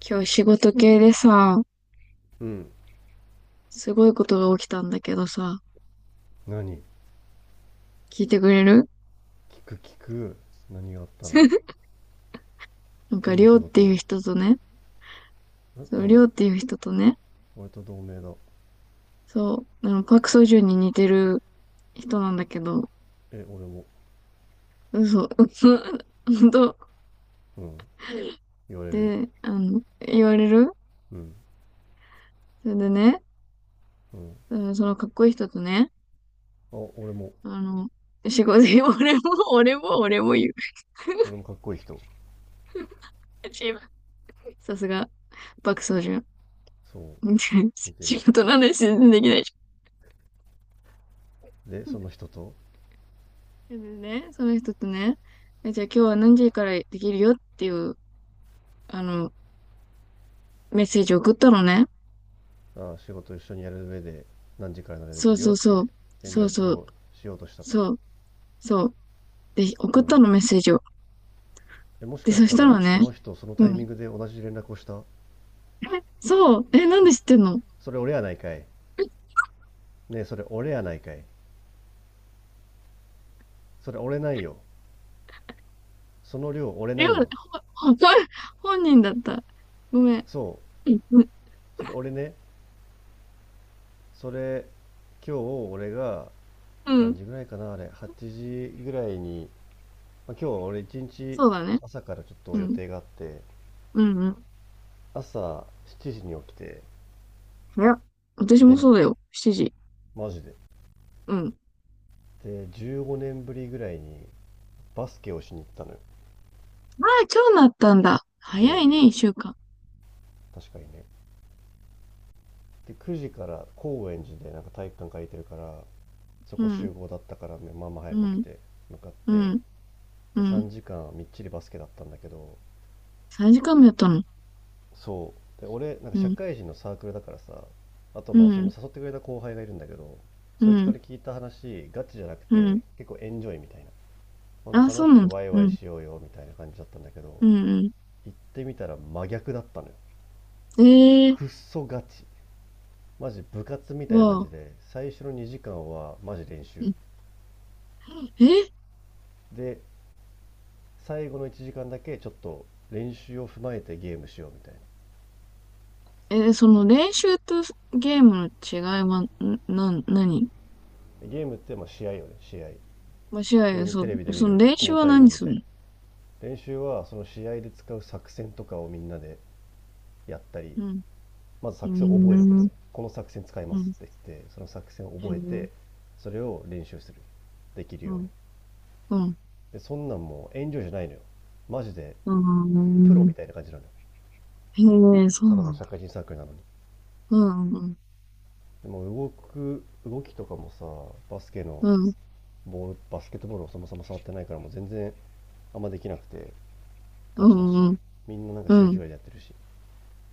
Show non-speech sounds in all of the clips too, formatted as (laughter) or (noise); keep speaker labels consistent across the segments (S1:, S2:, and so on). S1: 今日仕事系でさ、
S2: うん。
S1: すごいことが起きたんだけどさ、
S2: 何聞
S1: 聞いてくれる？
S2: く聞く何があったの？
S1: (laughs) なんか、
S2: ど
S1: り
S2: の
S1: ょ
S2: 仕
S1: うっていう
S2: 事？
S1: 人とね、そ
S2: う
S1: う、り
S2: ん。
S1: ょうっていう人とね、
S2: 俺と同盟だ。
S1: そう、パクソジュンに似てる人なんだけど、
S2: え、俺も。
S1: 嘘、(laughs) 嘘、本当。
S2: うん、言われる。
S1: で、言われる。
S2: うん。
S1: それでね、
S2: うん。あ、
S1: うん、そのかっこいい人とね、
S2: 俺も。
S1: あの、仕事、(laughs) 俺も、俺も、俺も言う。
S2: 俺もかっこいい人。
S1: さすが、パクソジュン。
S2: そ
S1: (laughs)
S2: う、似て
S1: 仕
S2: る。
S1: 事の話全然できないじ
S2: で
S1: ゃん。
S2: その人と。
S1: でね、その人とね、じゃあ今日は何時からできるよっていう、あの、メッセージを送ったのね。
S2: あ、仕事一緒にやる上で何時からならで
S1: そ
S2: き
S1: う
S2: るよ
S1: そ
S2: っ
S1: うそ
S2: て
S1: う。
S2: 連
S1: そう
S2: 絡
S1: そう。
S2: をしようとしたと。
S1: そう。そう。で、
S2: う
S1: 送った
S2: ん。
S1: のメッセージを。
S2: え、もし
S1: で、
S2: か
S1: そ
S2: し
S1: し
S2: た
S1: た
S2: ら
S1: ら
S2: そ
S1: ね、
S2: の人その
S1: う
S2: タイミン
S1: ん。
S2: グで同じ連絡をした。
S1: え、そう。え、なん
S2: え、
S1: で知ってんの？
S2: それ俺やないかい。ねえ、それ俺やないかい。それ俺ないよ。その量俺
S1: りょ
S2: ない
S1: う、
S2: よ。
S1: 本本人だった。ごめん。
S2: そう、
S1: うん。
S2: それ俺ね、それ今日俺が
S1: う
S2: 何
S1: ん。
S2: 時ぐらいかなあれ、8時ぐらいに、まあ、今日俺一日
S1: そうだね。
S2: 朝からちょっと
S1: う
S2: 予
S1: ん。
S2: 定があって、
S1: うん。うん。
S2: 朝7時に起きて、
S1: 早っ。私も
S2: ね、
S1: そうだよ。7時。
S2: マジで。
S1: うん。
S2: で、15年ぶりぐらいにバスケをしに行ったのよ。
S1: ああ、今日なったんだ。早
S2: そ
S1: い
S2: う、
S1: ね、一週間。
S2: 確かにね。で、9時から高円寺でなんか体育館借りてるから、そ
S1: う
S2: こ
S1: ん。
S2: 集合だったからね、まあまあ早
S1: う
S2: く起き
S1: ん。
S2: て向かっ
S1: う
S2: て、
S1: ん。う
S2: で、3
S1: ん。
S2: 時間みっちりバスケだったんだけど、
S1: 3時間もやったの？
S2: そうで俺なんか
S1: う
S2: 社
S1: ん
S2: 会人のサークルだからさ。あと、
S1: う
S2: まあその
S1: ん
S2: 誘ってくれた後輩がいるんだけど、
S1: う
S2: そいつか
S1: ん
S2: ら聞いた話ガチじゃなく
S1: うん。
S2: て結構エンジョイみたいな、ほん
S1: あ、
S2: と
S1: そ
S2: 楽
S1: う
S2: し
S1: なん
S2: く
S1: だ。
S2: ワイ
S1: う
S2: ワイ
S1: ん
S2: しようよみたいな感じだったんだけど、
S1: うん
S2: 行ってみたら真逆だったのよ。
S1: うん。えー、
S2: くっそガチ、マジ部活みたいな感
S1: わ。
S2: じで、最初の2時間はマジ練
S1: う
S2: 習
S1: ん。え、
S2: で、最後の1時間だけちょっと練習を踏まえてゲームしようみたいな。
S1: え、その練習とゲームの違いは、うん、何？
S2: ゲームってまあ試合よね、試合。
S1: ま、
S2: 普
S1: 違
S2: 通
S1: い、
S2: に
S1: そ、
S2: テレビで見
S1: その
S2: る
S1: 練習
S2: 5
S1: は
S2: 対5
S1: 何
S2: み
S1: す
S2: た
S1: る？
S2: いな。練習はその試合で使う作戦とかをみんなでやったり、
S1: うん
S2: まず
S1: う
S2: 作戦を
S1: ん
S2: 覚えるこ
S1: う
S2: と
S1: ん
S2: でこの作戦使いま
S1: う
S2: す
S1: ん
S2: って言って、その作戦を
S1: う
S2: 覚え
S1: ん
S2: て、それを練習する、できる
S1: う
S2: ように。
S1: ん
S2: でそんなんもう遠慮じゃないのよ、マジで。
S1: う
S2: プ
S1: ん
S2: ロ
S1: う
S2: み
S1: ん。
S2: たいな感じなのよ、
S1: へー、そう
S2: ただ
S1: な
S2: の
S1: ん
S2: 社
S1: だ。
S2: 会人サークルなのに。
S1: うん
S2: でも動く動きとかもさ、バスケの
S1: うん
S2: ボール、バスケットボールをそもそも触ってないからもう全然あんまできなくて、ガ
S1: う
S2: チだし、
S1: んうん
S2: みんななんか
S1: う
S2: 週一
S1: ん
S2: ぐらいでやってるし、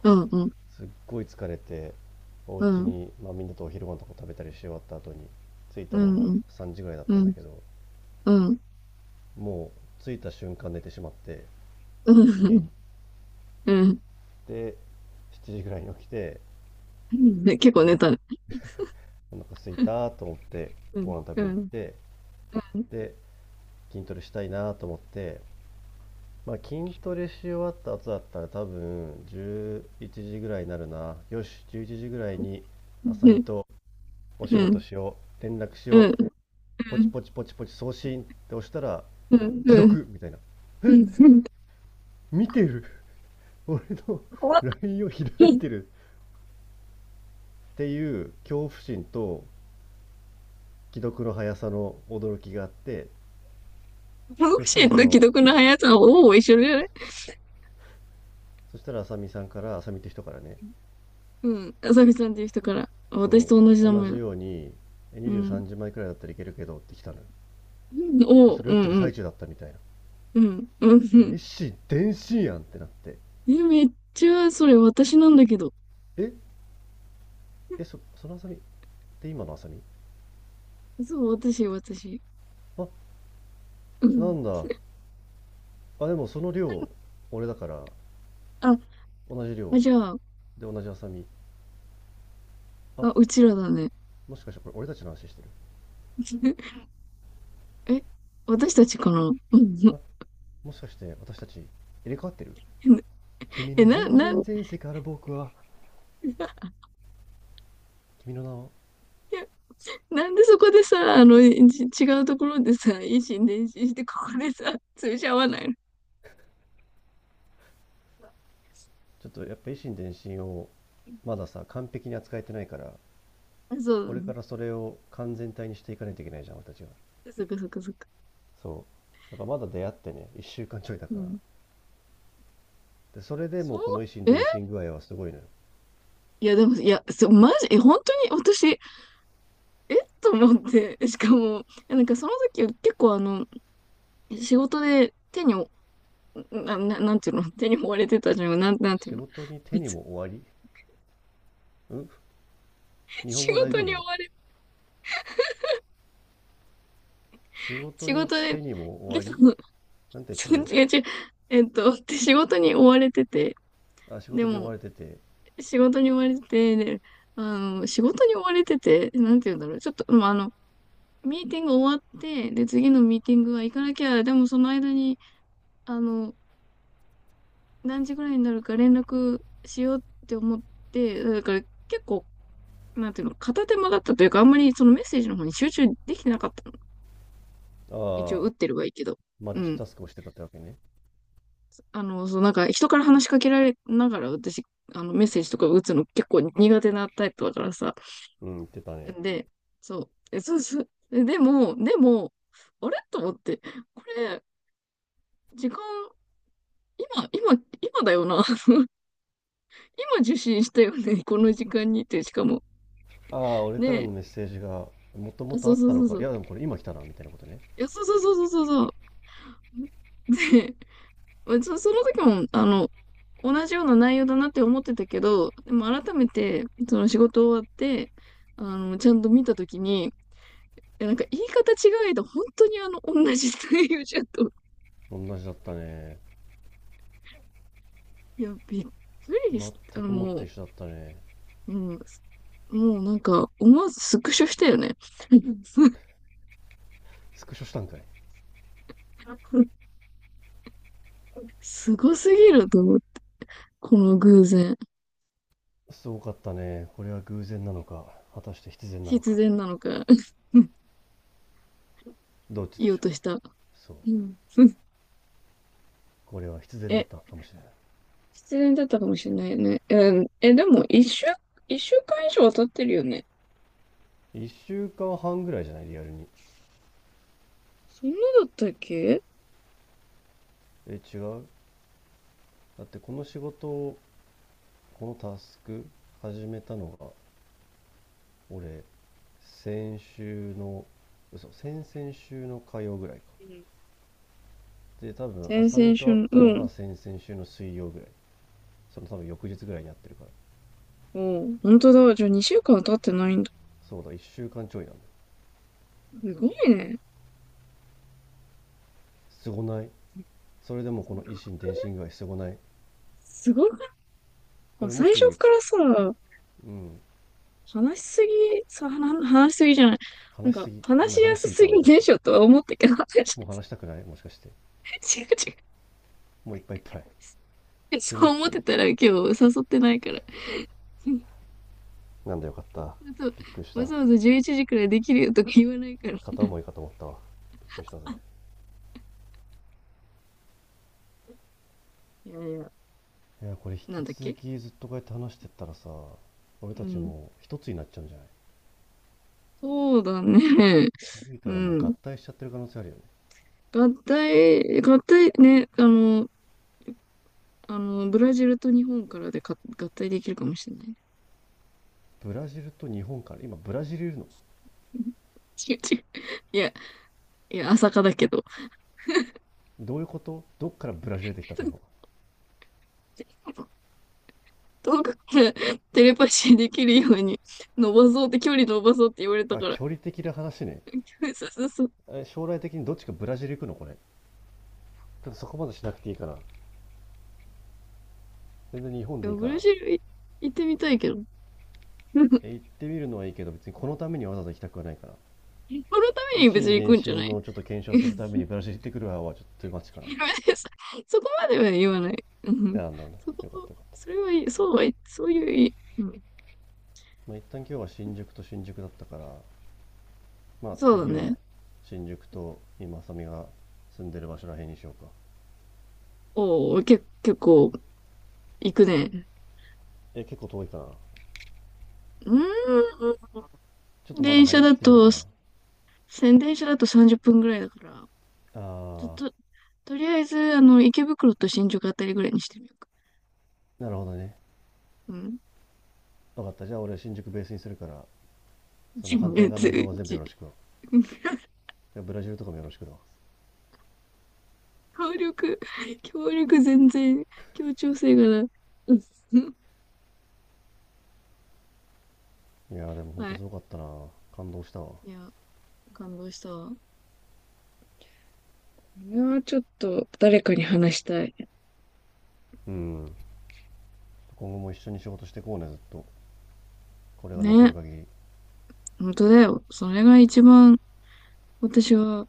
S1: うんうん
S2: すっごい疲れて、お
S1: う
S2: 家
S1: ん
S2: にまあ、みんなとお昼ご飯とか食べたりし終わった後に着いた
S1: う
S2: のが
S1: んうん
S2: 3時ぐらいだっ
S1: う
S2: たんだ
S1: ん
S2: けど、
S1: うん
S2: もう着いた瞬間寝てしまって、
S1: う
S2: 家に。
S1: ん。うん。
S2: で、7時ぐらいに起きて、
S1: うんね、結構
S2: お
S1: 寝たね。
S2: 腹空いたと思って
S1: うん、
S2: ご飯食
S1: う
S2: べに行っ
S1: ん、
S2: て、で筋トレしたいなと思って、まあ、筋トレし終わった後だったら多分11時ぐらいになるな、よし11時ぐらいに
S1: う
S2: あさみ
S1: ん、
S2: とお仕
S1: う
S2: 事
S1: ん、
S2: しよう、連絡し
S1: うん、
S2: よ、
S1: うん、
S2: ポ
S1: う
S2: チ
S1: ん、
S2: ポチポチポチ送信って押したら
S1: うん、
S2: 既
S1: うん、
S2: 読みたいな。え、見てる、俺の
S1: 怖っ。
S2: ラインを
S1: う
S2: 開
S1: ん。
S2: い
S1: 怖。
S2: てるっていう恐怖心と既読の速さの驚きがあって、
S1: ボ
S2: そ
S1: ク
S2: し
S1: シ
S2: たら
S1: ーと
S2: そ
S1: 既
S2: の
S1: 読の速さはほぼ一緒じゃない？
S2: そしたらあさみさんから、あさみって人からね、
S1: うん。朝日さんっていう人から。私
S2: そ
S1: と同じ
S2: う、
S1: 名
S2: 同
S1: 前
S2: じ
S1: だ。
S2: ように
S1: う
S2: 23
S1: ん。
S2: 時枚くらいだったらいけるけどって来たのよ。
S1: うん
S2: で
S1: おう、
S2: それ
S1: う
S2: 打っ
S1: ん、
S2: てる
S1: うん、
S2: 最中だったみたいな。
S1: うん、うん、う
S2: え
S1: ん。
S2: っし、電信やんってなって。
S1: え、めっちゃ、それ私なんだけど。
S2: えそのあさみって、今のあさみ。
S1: そう、私、私。
S2: あ、
S1: う
S2: な
S1: ん。
S2: んだ。あ、でもその量俺だから、
S1: あ、
S2: 同じ
S1: あ
S2: 量
S1: じゃあ、
S2: で同じハサミ。
S1: あ、う
S2: あ、
S1: ちらだね。
S2: もしかしてこれ俺たちの話してる？
S1: (laughs) え、私たちかな？うん。
S2: あ、もしかして私たち入れ替わってる？君
S1: え、
S2: の
S1: な、
S2: 全
S1: なん、(laughs) い
S2: 然前世から僕は、君の名を。
S1: や、なんでそこでさ、違うところでさ、維新伝心して、ここでさ、通じ合わないの？
S2: ちょっとやっぱ維新伝心をまださ完璧に扱えてないから、
S1: あ、そうだ
S2: これか
S1: ね。
S2: らそれを完全体にしていかないといけないじゃん俺たちは。
S1: そっかそっかそっか。
S2: そうだから、まだ出会ってね1週間ちょいだ
S1: う
S2: から、
S1: ん。
S2: でそれで
S1: そ
S2: もうこの維新
S1: う、え
S2: 伝心具合はすごいのよ。
S1: いや、でも、いや、そう、マジ、本当に私、と思って、しかも、いやなんかその時結構仕事で手にお、なんていうの、手に追われてたじゃん。なんてい
S2: 仕
S1: うの、
S2: 事に
S1: こ
S2: 手
S1: い
S2: に
S1: つ。
S2: も終わり。うん。日本
S1: 仕
S2: 語大
S1: 事
S2: 丈
S1: に追
S2: 夫？
S1: われ、
S2: 仕事
S1: 仕
S2: に
S1: 事で、
S2: 手に
S1: (laughs)
S2: も終
S1: 結
S2: わり。
S1: 構、違
S2: なんて言って
S1: う
S2: る？
S1: 違う、で仕事に追われてて、
S2: あ、仕
S1: で
S2: 事に追
S1: も、
S2: われてて、
S1: 仕事に追われてて、で、仕事に追われてて、なんて言うんだろう。ちょっと、まあ、ミーティング終わって、で、次のミーティングは行かなきゃ、でもその間に、あの、何時ぐらいになるか連絡しようって思って、だから結構、なんていうの、片手間だったというか、あんまりそのメッセージの方に集中できてなかったの。一応
S2: あ
S1: 打っ
S2: あ、
S1: てればいいけど。
S2: マ
S1: う
S2: ルチ
S1: ん。
S2: タスクをしてたってわけね。
S1: そう、なんか人から話しかけられながら私、メッセージとか打つの結構苦手なタイプだからさ。
S2: うん、言ってたね。
S1: で、そう、え、そうそう。でも、でも、あれと思って、これ、時間、今、今、今だよな。(laughs) 今受信したよね。この時間にって、しかも。
S2: ああ、俺から
S1: ねえ、
S2: のメッセージが、もとも
S1: あ
S2: と
S1: そ
S2: あ
S1: う
S2: っ
S1: そう
S2: た
S1: そ
S2: の
S1: う
S2: か。
S1: そ
S2: い
S1: う。
S2: や、でもこれ今来たな、みたいなことね。
S1: いや、そうそうそうそうそう。(laughs) で、まあその時も、同じような内容だなって思ってたけど、でも改めて、その仕事終わって、ちゃんと見た時に、いやなんか言い方違えど、本当に同じ内容じゃんと。
S2: 同じだったね。
S1: いや、びっくりした。
S2: 全くもっ
S1: も
S2: て
S1: う、
S2: 一緒だったね。
S1: うん、もうなんか、思わずスクショしたよね。(laughs)
S2: スクショしたんかい。
S1: すごすぎると思って、この偶然。
S2: すごかったね。これは偶然なのか、果たして必然なの
S1: 必
S2: か。
S1: 然なのか、(laughs)
S2: どっちで
S1: 言おう
S2: しょう。
S1: とした。
S2: そう。
S1: うん、(laughs)
S2: これは必然だ
S1: え、
S2: ったかもしれない。
S1: 必然だったかもしれないね。えー、でも、一週間以上は経ってるよね。
S2: 1週間半ぐらいじゃない、リアルに。
S1: そんなだったっけ？
S2: え、違う。だってこの仕事を、このタスク始めたのが俺、先週の、嘘、先々週の火曜ぐらいか。
S1: うん。
S2: で、多分、
S1: 先
S2: 浅見
S1: 々
S2: と
S1: 週
S2: 会っ
S1: の、
S2: た
S1: う
S2: の
S1: ん。
S2: が先々週の水曜ぐらい。その多分翌日ぐらいに会ってるから。
S1: おう、本当だ。じゃあ2週間は経ってないんだ。
S2: そうだ、1週間ちょいなんだ。
S1: すごいね。
S2: すごない？それでもこ
S1: すご
S2: の
S1: く
S2: 維
S1: ない？
S2: 新伝心具合すごない？
S1: すごくな
S2: こ
S1: い？
S2: れも
S1: 最初
S2: し、
S1: からさ、
S2: うん、
S1: 話しすぎ、そう、話しすぎじゃない？なん
S2: 話し
S1: か、
S2: すぎ。ご
S1: 話
S2: め
S1: し
S2: ん、
S1: や
S2: 話し
S1: す
S2: すぎ
S1: す
S2: た、俺
S1: ぎ
S2: た
S1: で
S2: ち。
S1: しょとは思ったけど、(laughs) 違
S2: もう話
S1: う
S2: したくないもしかして。もういっぱいい
S1: 違
S2: っぱい。
S1: う。
S2: トゥー
S1: そ
S2: マッ
S1: う思っ
S2: チ。
S1: てたら今日誘ってないから。
S2: なんだ、よかった。
S1: (laughs)
S2: びっくりし
S1: わ
S2: た。
S1: ざわざわざ11時くらいできるよとか言わないから。
S2: 片思いかと思ったわ、びっくりしたぜ。
S1: いやいや、
S2: いや、これ
S1: なん
S2: 引き
S1: だっ
S2: 続
S1: け。
S2: きずっとこうやって話してったらさ、俺
S1: う
S2: たち
S1: ん。
S2: もう一つになっちゃうんじゃない？
S1: そうだね。
S2: 気づいた
S1: う
S2: らもう合
S1: ん。
S2: 体しちゃってる可能性あるよね。
S1: 合体、合体ね、あの、ブラジルと日本からでか合体できるかもしれない。
S2: ブラジルと日本から、今ブラジルいるの？
S1: (laughs) 違う違う。いや、いや、朝霞だけど。
S2: どういうこと、どっからブラジル出てきたの今。
S1: (laughs) 遠くからテレパシーできるように伸ばそうって、距離伸ばそうって言われた
S2: あ、
S1: から。
S2: 距離的な話ね。
S1: (laughs) そうそうそう。
S2: え、将来的にどっちかブラジル行くのこれ？ちょっとそこまでしなくていいかな。全然日本
S1: いや、
S2: でいい
S1: ブ
S2: か
S1: ラ
S2: な。
S1: ジルい行ってみたいけど。(laughs) このた
S2: え、行ってみるのはいいけど、別にこのためにわざわざ行きたくはないから。
S1: め
S2: 維
S1: に別に
S2: 新
S1: 行
S2: 伝
S1: くんじゃな
S2: 心
S1: い。
S2: のちょっと検証するため
S1: (laughs)
S2: にブラジル行ってくる派はちょっと待ち
S1: そそこまでは言わない。
S2: かな。い
S1: うん。
S2: や、なんだなんだ。
S1: そ
S2: よかった
S1: こ、
S2: よかっ
S1: そ
S2: た。
S1: れはいい、そうはい、そういういい、うん。
S2: まあ、一旦今日は新宿と新宿だったから、まあ
S1: そう
S2: 次
S1: だ
S2: は
S1: ね。
S2: 新宿と今浅見が住んでる場所らへんにしようか。
S1: おお、結構行くね。
S2: え、結構遠いかな？
S1: うー
S2: ちょっ
S1: ん。
S2: とまだ早すぎるかな？
S1: 電車だと30分ぐらいだから、ちょっ
S2: あ
S1: と、とりあえず、池袋と新宿あたりぐらいにしてみようか。
S2: ー、なるほどね。
S1: うん。
S2: 分かった、じゃあ俺新宿ベースにするから、そ
S1: じ
S2: の反対側の
S1: つ
S2: 移動は全部よ
S1: じ
S2: ろしく。いや、ブラジルとかもよろしくだ。
S1: 協力、協力全然、協調性がない。うん。
S2: いやー、でも
S1: (laughs)
S2: ほん
S1: は
S2: と
S1: い。
S2: すごかったな。感動したわ。
S1: いや、感動したわ。これはちょっと誰かに話したい。
S2: うん、今後も一緒に仕事してこうね、ずっと、これが残る
S1: ね、
S2: 限り。
S1: 本当だよ。それが一番私は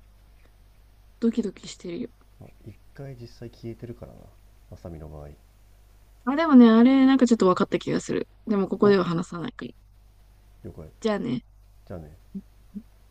S1: ドキドキしてるよ。
S2: 一回実際消えてるからな、浅見の場合。
S1: あ、でもね、あれ、なんかちょっと分かった気がする。でもここ
S2: お、
S1: では話さないから。
S2: 了解。
S1: じゃあね。
S2: じゃあね。
S1: (laughs)